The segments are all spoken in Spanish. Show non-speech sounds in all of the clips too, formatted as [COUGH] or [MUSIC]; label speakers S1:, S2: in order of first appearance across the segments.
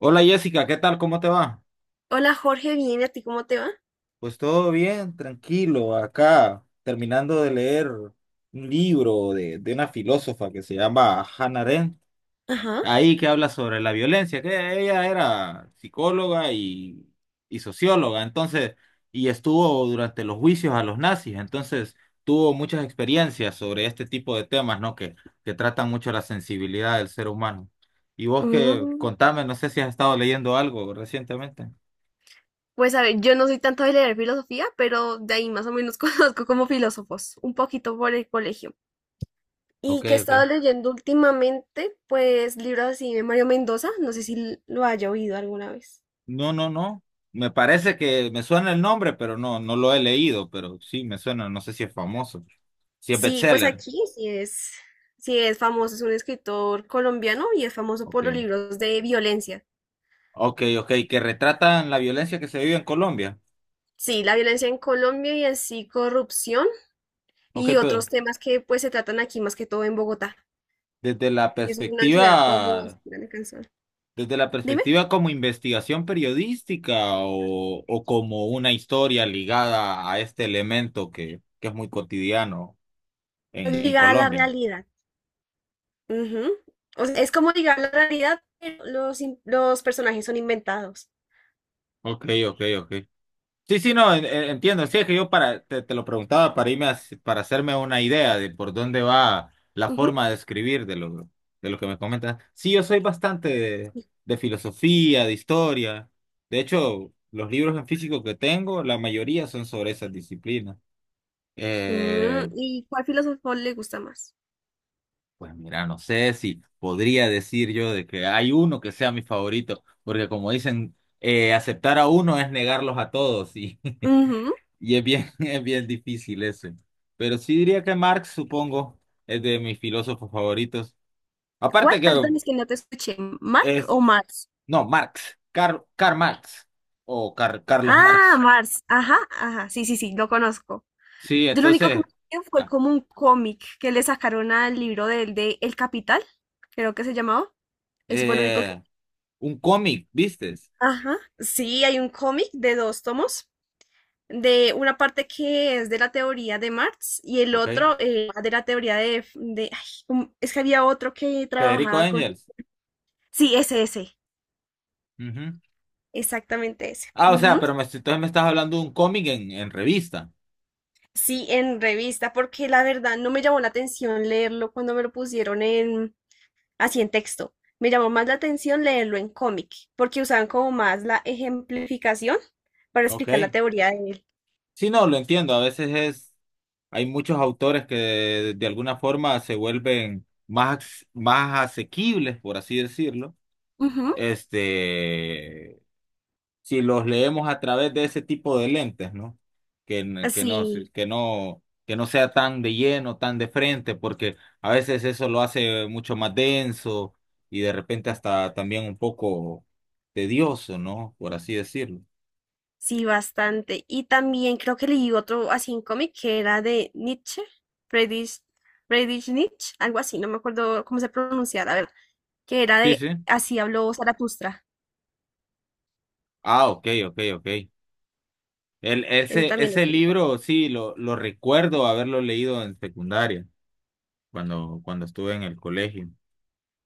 S1: Hola Jessica, ¿qué tal? ¿Cómo te va?
S2: Hola Jorge, bien, ¿y a ti cómo te va?
S1: Pues todo bien, tranquilo, acá terminando de leer un libro de una filósofa que se llama Hannah Arendt,
S2: Ajá.
S1: ahí que habla sobre la violencia, que ella era psicóloga y socióloga, entonces, y estuvo durante los juicios a los nazis, entonces tuvo muchas experiencias sobre este tipo de temas, ¿no? Que tratan mucho la sensibilidad del ser humano. Y vos que
S2: Mm,
S1: contame, no sé si has estado leyendo algo recientemente.
S2: pues a ver, yo no soy tanto de leer filosofía, pero de ahí más o menos [LAUGHS] conozco como filósofos, un poquito por el colegio.
S1: Ok,
S2: Y que he
S1: ok.
S2: estado leyendo últimamente, pues libros así de Mario Mendoza, no sé si lo haya oído alguna vez.
S1: No, no, no. Me parece que me suena el nombre, pero no, no lo he leído, pero sí me suena, no sé si es famoso. Si es
S2: Sí, pues
S1: bestseller.
S2: aquí sí es famoso, es un escritor colombiano y es famoso por
S1: Ok.
S2: los libros de violencia.
S1: Ok, ok, que retratan la violencia que se vive en Colombia.
S2: Sí, la violencia en Colombia y así corrupción
S1: Ok,
S2: y otros
S1: pero
S2: temas que pues se tratan aquí más que todo en Bogotá.
S1: desde la
S2: Es una ciudad como así
S1: perspectiva,
S2: era la canción.
S1: desde la
S2: Dime.
S1: perspectiva como investigación periodística o como una historia ligada a este elemento que es muy cotidiano
S2: Es
S1: en
S2: ligada a la
S1: Colombia.
S2: realidad. Ujú. O sea, es como ligada a la realidad, pero los personajes son inventados.
S1: Ok, ok, ok. Sí, sí, no, entiendo. Sí, es que yo para, te lo preguntaba para hacerme una idea de por dónde va la
S2: Ujú,
S1: forma de escribir de lo que me comentas. Sí, yo soy bastante
S2: sí.
S1: de filosofía, de historia. De hecho, los libros en físico que tengo, la mayoría son sobre esas disciplinas.
S2: Mm,
S1: Eh,
S2: ¿y cuál filósofo le gusta más?
S1: pues mira, no sé si podría decir yo de que hay uno que sea mi favorito, porque como dicen, aceptar a uno es negarlos a todos. Y [LAUGHS]
S2: Ujú.
S1: Y es bien, [LAUGHS] es bien difícil ese. Pero sí diría que Marx, supongo, es de mis filósofos favoritos.
S2: ¿Cuál?
S1: Aparte que
S2: Perdón, es que no te escuché. ¿Mark
S1: es,
S2: o Marx?
S1: no, Marx, Karl, Karl Marx o Carlos
S2: Ah,
S1: Marx.
S2: Marx. Ajá, ajá. Sí, sí, sí, lo conozco.
S1: Sí,
S2: Yo lo único que me
S1: entonces,
S2: acuerdo fue
S1: ah,
S2: como un cómic que le sacaron al libro del de El Capital, creo que se llamaba. Ese fue el único.
S1: eh, un cómic, ¿vistes?
S2: Ajá, sí, hay un cómic de dos tomos, de una parte que es de la teoría de Marx y el
S1: Ok.
S2: otro de la teoría de ay, es que había otro que
S1: Federico
S2: trabajaba con...
S1: Engels.
S2: Sí, ese,
S1: Ujú.
S2: exactamente ese.
S1: Ah, o sea,
S2: Ujú.
S1: pero me, entonces me estás hablando de un cómic en revista.
S2: Sí, en revista, porque la verdad no me llamó la atención leerlo cuando me lo pusieron en así en texto. Me llamó más la atención leerlo en cómic, porque usaban como más la ejemplificación para
S1: Ok.
S2: explicar la teoría de él.
S1: Sí, no, lo entiendo. Hay muchos autores de alguna forma se vuelven más asequibles, por así decirlo.
S2: Ujú.
S1: Este, si los leemos a través de ese tipo de lentes, ¿no? Que, n- que no, se-
S2: Así.
S1: que no sea tan de lleno, tan de frente, porque a veces eso lo hace mucho más denso y de repente hasta también un poco tedioso, ¿no? Por así decirlo.
S2: Sí, bastante. Y también creo que leí otro así en cómic que era de Nietzsche, Friedrich, Friedrich Nietzsche, algo así, no me acuerdo cómo se pronuncia, la verdad, que era
S1: Sí,
S2: de
S1: sí.
S2: Así habló Zaratustra.
S1: Ah, ok, ok, ok.
S2: Ese también lo
S1: Ese
S2: tengo.
S1: libro, sí, lo recuerdo haberlo leído en secundaria, cuando estuve en el colegio.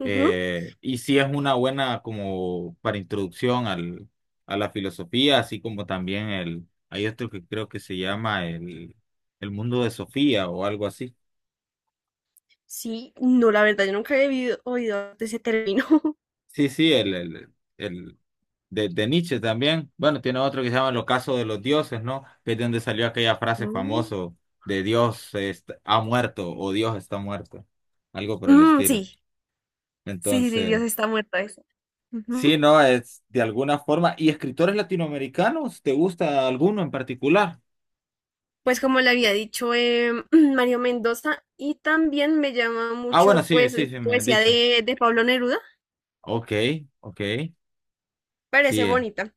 S2: Ujú.
S1: Y sí es una buena como para introducción a la filosofía, así como también el, hay otro que creo que se llama el mundo de Sofía o algo así.
S2: Sí, no, la verdad, yo nunca había oído de ese término. [LAUGHS]
S1: Sí, sí, de Nietzsche también. Bueno, tiene otro que se llama El ocaso de los dioses, ¿no? Que es de donde salió aquella frase
S2: Mm,
S1: famosa de ha muerto o Dios está muerto, algo por el
S2: mm,
S1: estilo.
S2: sí, sí, sí, sí,
S1: Entonces,
S2: Dios está muerto eso.
S1: sí,
S2: Ujú.
S1: no, es de alguna forma. ¿Y escritores latinoamericanos? ¿Te gusta alguno en particular?
S2: Pues como le había dicho [CLEARS THROAT] Mario Mendoza, y también me llama
S1: Ah, bueno,
S2: mucho
S1: sí,
S2: pues
S1: sí, sí, me has
S2: poesía
S1: dicho.
S2: de Pablo Neruda.
S1: Ok, ok,
S2: Parece
S1: sí, eh.
S2: bonita.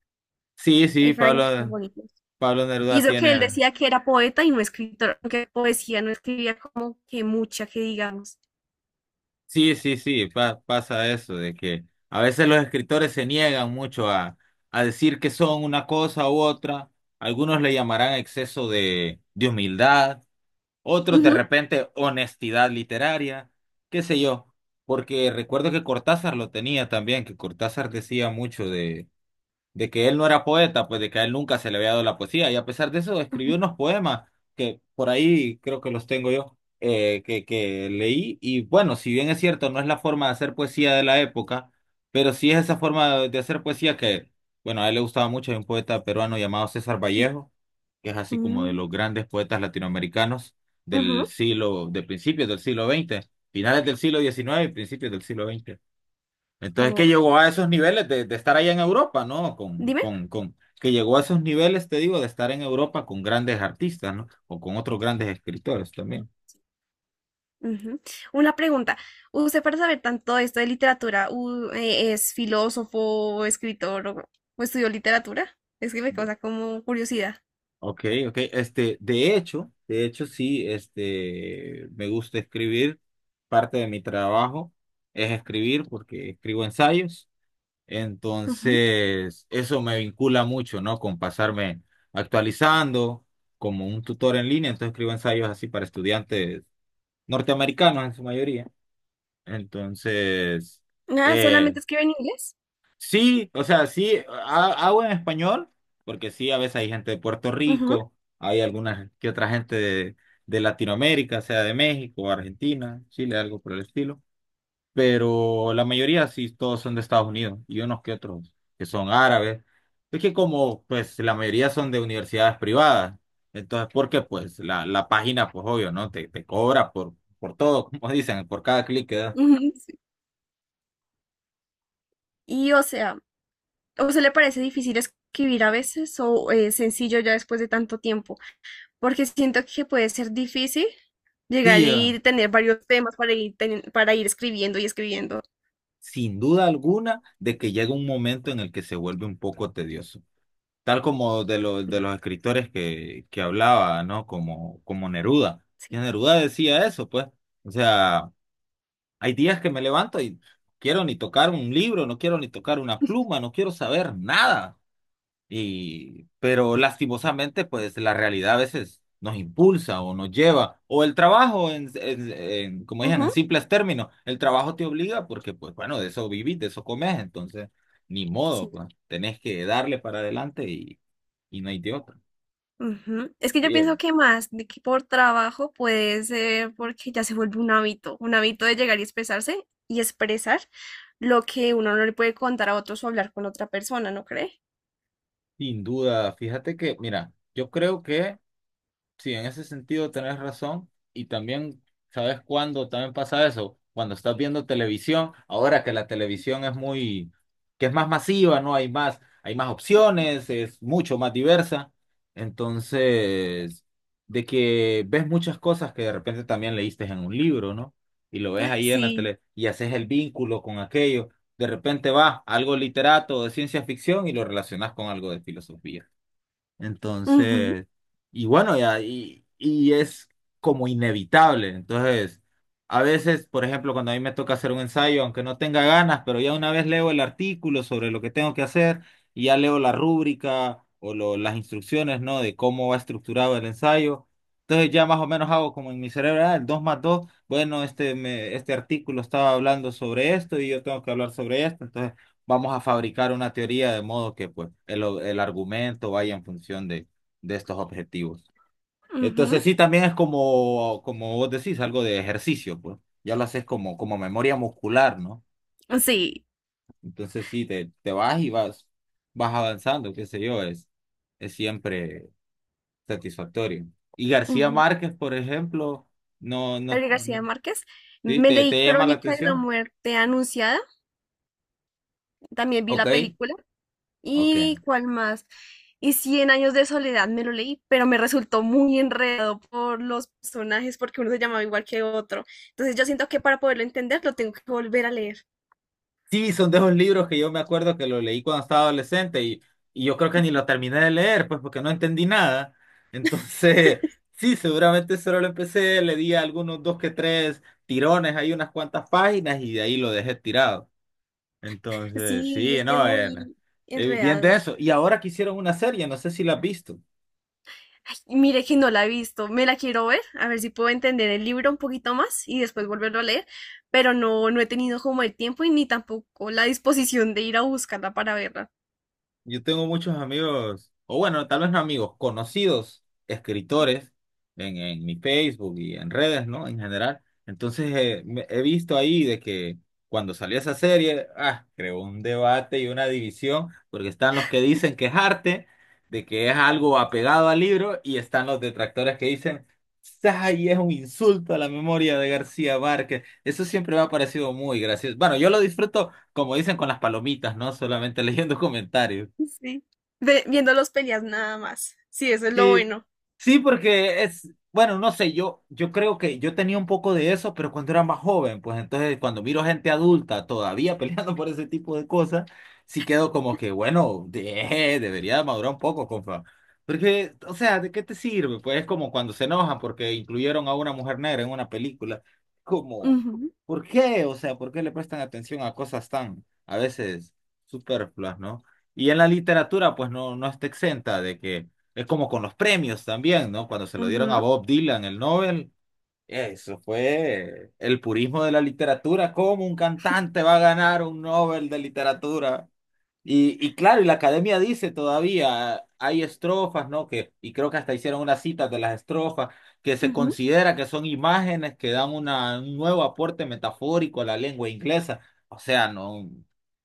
S1: Sí, sí,
S2: Hay fragmentos bonitos.
S1: Pablo
S2: Y
S1: Neruda
S2: eso que él
S1: tiene.
S2: decía que era poeta y no escritor, aunque poesía no escribía como que mucha, que digamos.
S1: Sí, sí, sí, pasa eso, de que a veces los escritores se niegan mucho a decir que son una cosa u otra. Algunos le llamarán exceso de humildad, otros de
S2: Ujú,
S1: repente honestidad literaria, qué sé yo, porque recuerdo que Cortázar lo tenía también, que Cortázar decía mucho de que él no era poeta, pues de que a él nunca se le había dado la poesía, y a pesar de eso escribió
S2: ujú,
S1: unos poemas que por ahí creo que los tengo yo, que leí, y bueno, si bien es cierto, no es la forma de hacer poesía de la época, pero sí es esa forma de hacer poesía que, bueno, a él le gustaba mucho, hay un poeta peruano llamado César Vallejo, que es así como de
S2: ujú,
S1: los grandes poetas latinoamericanos del
S2: ujú.
S1: siglo, de principios del siglo XX, finales del siglo XIX y principios del siglo XX. Entonces que
S2: Oh,
S1: llegó a esos niveles de estar allá en Europa, ¿no?
S2: dime.
S1: Que llegó a esos niveles, te digo, de estar en Europa con grandes artistas, ¿no? O con otros grandes escritores también.
S2: Ujú. Una pregunta. ¿Usted para saber tanto esto de literatura, es filósofo, escritor o estudió literatura? Es que me
S1: De-
S2: causa como curiosidad.
S1: Ok, ok. Este, de hecho, sí, este, me gusta escribir. Parte de mi trabajo es escribir porque escribo ensayos.
S2: Ujú.
S1: Entonces, eso me vincula mucho, ¿no? Con pasarme actualizando como un tutor en línea. Entonces escribo ensayos así para estudiantes norteamericanos en su mayoría. Entonces,
S2: Nada,
S1: eh,
S2: solamente escribe en inglés.
S1: sí, o sea, sí, hago en español, porque sí, a veces hay gente de Puerto
S2: Ujú,
S1: Rico, hay alguna que otra gente de Latinoamérica, sea de México, Argentina, Chile, algo por el estilo, pero la mayoría sí, todos son de Estados Unidos y unos que otros que son árabes. Es que como pues la mayoría son de universidades privadas, entonces porque pues la página pues obvio, ¿no? Te cobra por todo, [LAUGHS] como dicen, por cada clic que das.
S2: ujú. Sí. Y o sea, ¿o se le parece difícil escribir a veces o es sencillo ya después de tanto tiempo? Porque siento que puede ser difícil
S1: Sí
S2: llegar
S1: llega,
S2: y tener varios temas para ir, para ir escribiendo y escribiendo.
S1: sin duda alguna, de que llega un momento en el que se vuelve un poco tedioso. Tal como los de los escritores que hablaba, ¿no? Como Neruda. Y
S2: Sí.
S1: Neruda decía eso, pues. O sea... Hay días que me levanto y quiero ni tocar un libro, no quiero ni tocar una pluma, no quiero saber nada. Y, pero lastimosamente, pues la realidad a veces nos impulsa o nos lleva, o el trabajo, como dicen,
S2: Ujú,
S1: en simples términos, el trabajo te obliga porque, pues bueno, de eso vivís, de eso comes, entonces, ni modo,
S2: sí.
S1: pues tenés que darle para adelante y no hay de otra.
S2: Ujú. Es que yo pienso
S1: Bien,
S2: que más de que por trabajo puede ser porque ya se vuelve un hábito de llegar y expresarse y expresar lo que uno no le puede contar a otros o hablar con otra persona, ¿no cree?
S1: sin duda, fíjate que, mira, yo creo que... Sí, en ese sentido tenés razón. Y también, ¿sabes cuándo también pasa eso? Cuando estás viendo televisión, ahora que la televisión es muy, que es más masiva, ¿no? Hay más opciones, es mucho más diversa. Entonces, de que ves muchas cosas que de repente también leíste en un libro, ¿no? Y lo ves
S2: Ay,
S1: ahí en la
S2: sí.
S1: tele y haces el vínculo con aquello. De repente vas a algo literato de ciencia ficción y lo relacionas con algo de filosofía.
S2: Ujú,
S1: Entonces, y bueno, ya, y es como inevitable. Entonces, a veces, por ejemplo, cuando a mí me toca hacer un ensayo, aunque no tenga ganas, pero ya una vez leo el artículo sobre lo que tengo que hacer y ya leo la rúbrica o las instrucciones, ¿no? De cómo va estructurado el ensayo. Entonces ya más o menos hago como en mi cerebro, ah, el 2 más 2 bueno, este, me, este artículo estaba hablando sobre esto y yo tengo que hablar sobre esto. Entonces vamos a fabricar una teoría de modo que pues el argumento vaya en función de estos objetivos. Entonces sí, también es como, como vos decís, algo de ejercicio, pues. Ya lo haces como, como memoria muscular, ¿no?
S2: ujú. Sí.
S1: Entonces sí, te vas y vas, vas avanzando, qué sé yo, es siempre satisfactorio. Y García
S2: Ujú.
S1: Márquez, por ejemplo, no, no,
S2: Gabriel
S1: no-
S2: García Márquez.
S1: sí,
S2: Me leí
S1: te llama la
S2: Crónica de la
S1: atención.
S2: Muerte Anunciada, también vi
S1: Ok,
S2: la película.
S1: ok.
S2: ¿Y cuál más? Y Cien Años de Soledad me lo leí, pero me resultó muy enredado por los personajes, porque uno se llamaba igual que otro. Entonces yo siento que para poderlo entender lo tengo que volver a leer.
S1: Sí, son de esos libros que yo me acuerdo que lo leí cuando estaba adolescente y yo creo que ni lo terminé de leer, pues porque no entendí nada. [LAUGHS] Entonces, sí, seguramente solo lo empecé, le di algunos dos que tres tirones, hay unas cuantas páginas y de ahí lo dejé tirado. Entonces,
S2: Sí,
S1: sí,
S2: es que es
S1: no, era,
S2: muy
S1: bien
S2: enredado.
S1: de
S2: Sí.
S1: eso. Y ahora que hicieron una serie, no sé si la has visto.
S2: Ay, mire que no la he visto, me la quiero ver, a ver si puedo entender el libro un poquito más y después volverlo a leer, pero no, no he tenido como el tiempo y ni tampoco la disposición de ir a buscarla para verla.
S1: Yo tengo muchos amigos, o bueno, tal vez no amigos, conocidos escritores en mi Facebook y en redes, ¿no? En general. Entonces, he visto ahí de que cuando salió esa serie, ah, creó un debate y una división, porque están los que dicen que es arte, de que es algo apegado al libro, y están los detractores que dicen, ¡ay, es un insulto a la memoria de García Márquez! Eso siempre me ha parecido muy gracioso. Bueno, yo lo disfruto, como dicen, con las palomitas, ¿no? Solamente [LAUGHS] leyendo comentarios.
S2: Sí. Viendo los peleas nada más. Sí, eso es lo
S1: Sí,
S2: bueno.
S1: sí, porque es, bueno, no sé, yo creo que yo tenía un poco de eso, pero cuando era más joven, pues entonces cuando miro gente adulta todavía [LAUGHS] peleando por ese tipo de cosas, sí quedo como que, bueno, debería madurar un poco, compa. Porque, o sea, ¿de qué te sirve? Pues es como cuando se enojan porque incluyeron a una mujer negra en una película. Como,
S2: Ujú,
S1: ¿por qué? O sea, ¿por qué le prestan atención a cosas tan, a veces, superfluas, ¿no? Y en la literatura, pues no, no está exenta de que es como con los premios también, ¿no? Cuando se lo dieron a
S2: ujú,
S1: Bob Dylan el Nobel, eso fue el purismo de la literatura. ¿Cómo un cantante va a ganar un Nobel de literatura? Y claro, y la academia dice todavía, hay estrofas, ¿no? Que, y creo que hasta hicieron una cita de las estrofas, que se
S2: ujú,
S1: considera que son imágenes que dan una, un nuevo aporte metafórico a la lengua inglesa. O sea, no.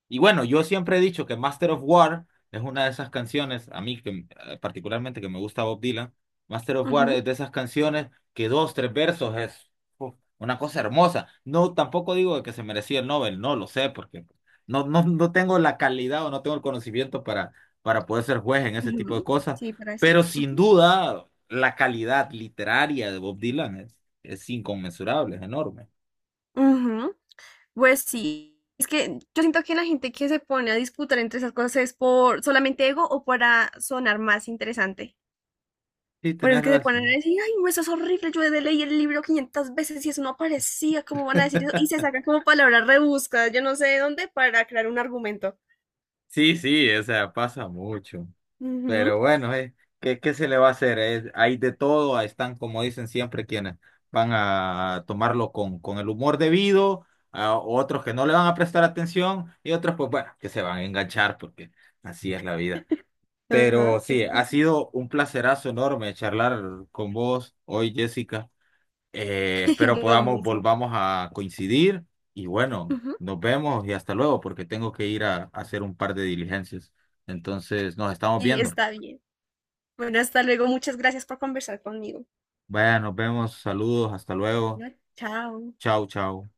S1: Y bueno, yo siempre he dicho que Master of War es una de esas canciones, a mí que, particularmente que me gusta Bob Dylan, Master of War
S2: ujú,
S1: es de esas canciones que dos, tres versos es uf, una cosa hermosa. No, tampoco digo que se merecía el Nobel, no lo sé, porque no tengo la calidad o no tengo el conocimiento para poder ser juez en ese tipo de
S2: ujú.
S1: cosas,
S2: Sí, para
S1: pero
S2: decirlo.
S1: sin
S2: Ujú,
S1: duda la calidad literaria de Bob Dylan es inconmensurable, es enorme.
S2: ujú. Pues sí. Es que yo siento que la gente que se pone a disputar entre esas cosas es por solamente ego o para sonar más interesante.
S1: Sí,
S2: Pero es
S1: tenés
S2: que se ponen a
S1: razón.
S2: decir, ay, no, eso es horrible, yo de leí el libro 500 veces y eso no aparecía, ¿cómo van a decir eso? Y se
S1: [LAUGHS]
S2: sacan como palabras rebuscadas, yo no sé de dónde, para crear un argumento.
S1: Sí, sí, o sea, pasa mucho.
S2: Ujú,
S1: Pero bueno, ¿qué, qué se le va a hacer? Es- hay de todo, ahí están, como dicen siempre, quienes van a tomarlo con el humor debido, a otros que no le van a prestar atención y otros, pues bueno, que se van a enganchar porque así es la vida.
S2: ajá,
S1: Pero
S2: es
S1: sí, ha sido un placerazo enorme charlar con vos hoy, Jessica.
S2: [LAUGHS]
S1: Espero
S2: lo
S1: podamos,
S2: mismo.
S1: volvamos a coincidir y bueno,
S2: Ujú,
S1: nos vemos y hasta luego porque tengo que ir a hacer un par de diligencias. Entonces, nos estamos
S2: y
S1: viendo.
S2: está bien. Bueno, hasta luego, muchas gracias por conversar conmigo.
S1: Vaya, nos vemos, saludos, hasta luego.
S2: Bueno, chao.
S1: Chao, chao.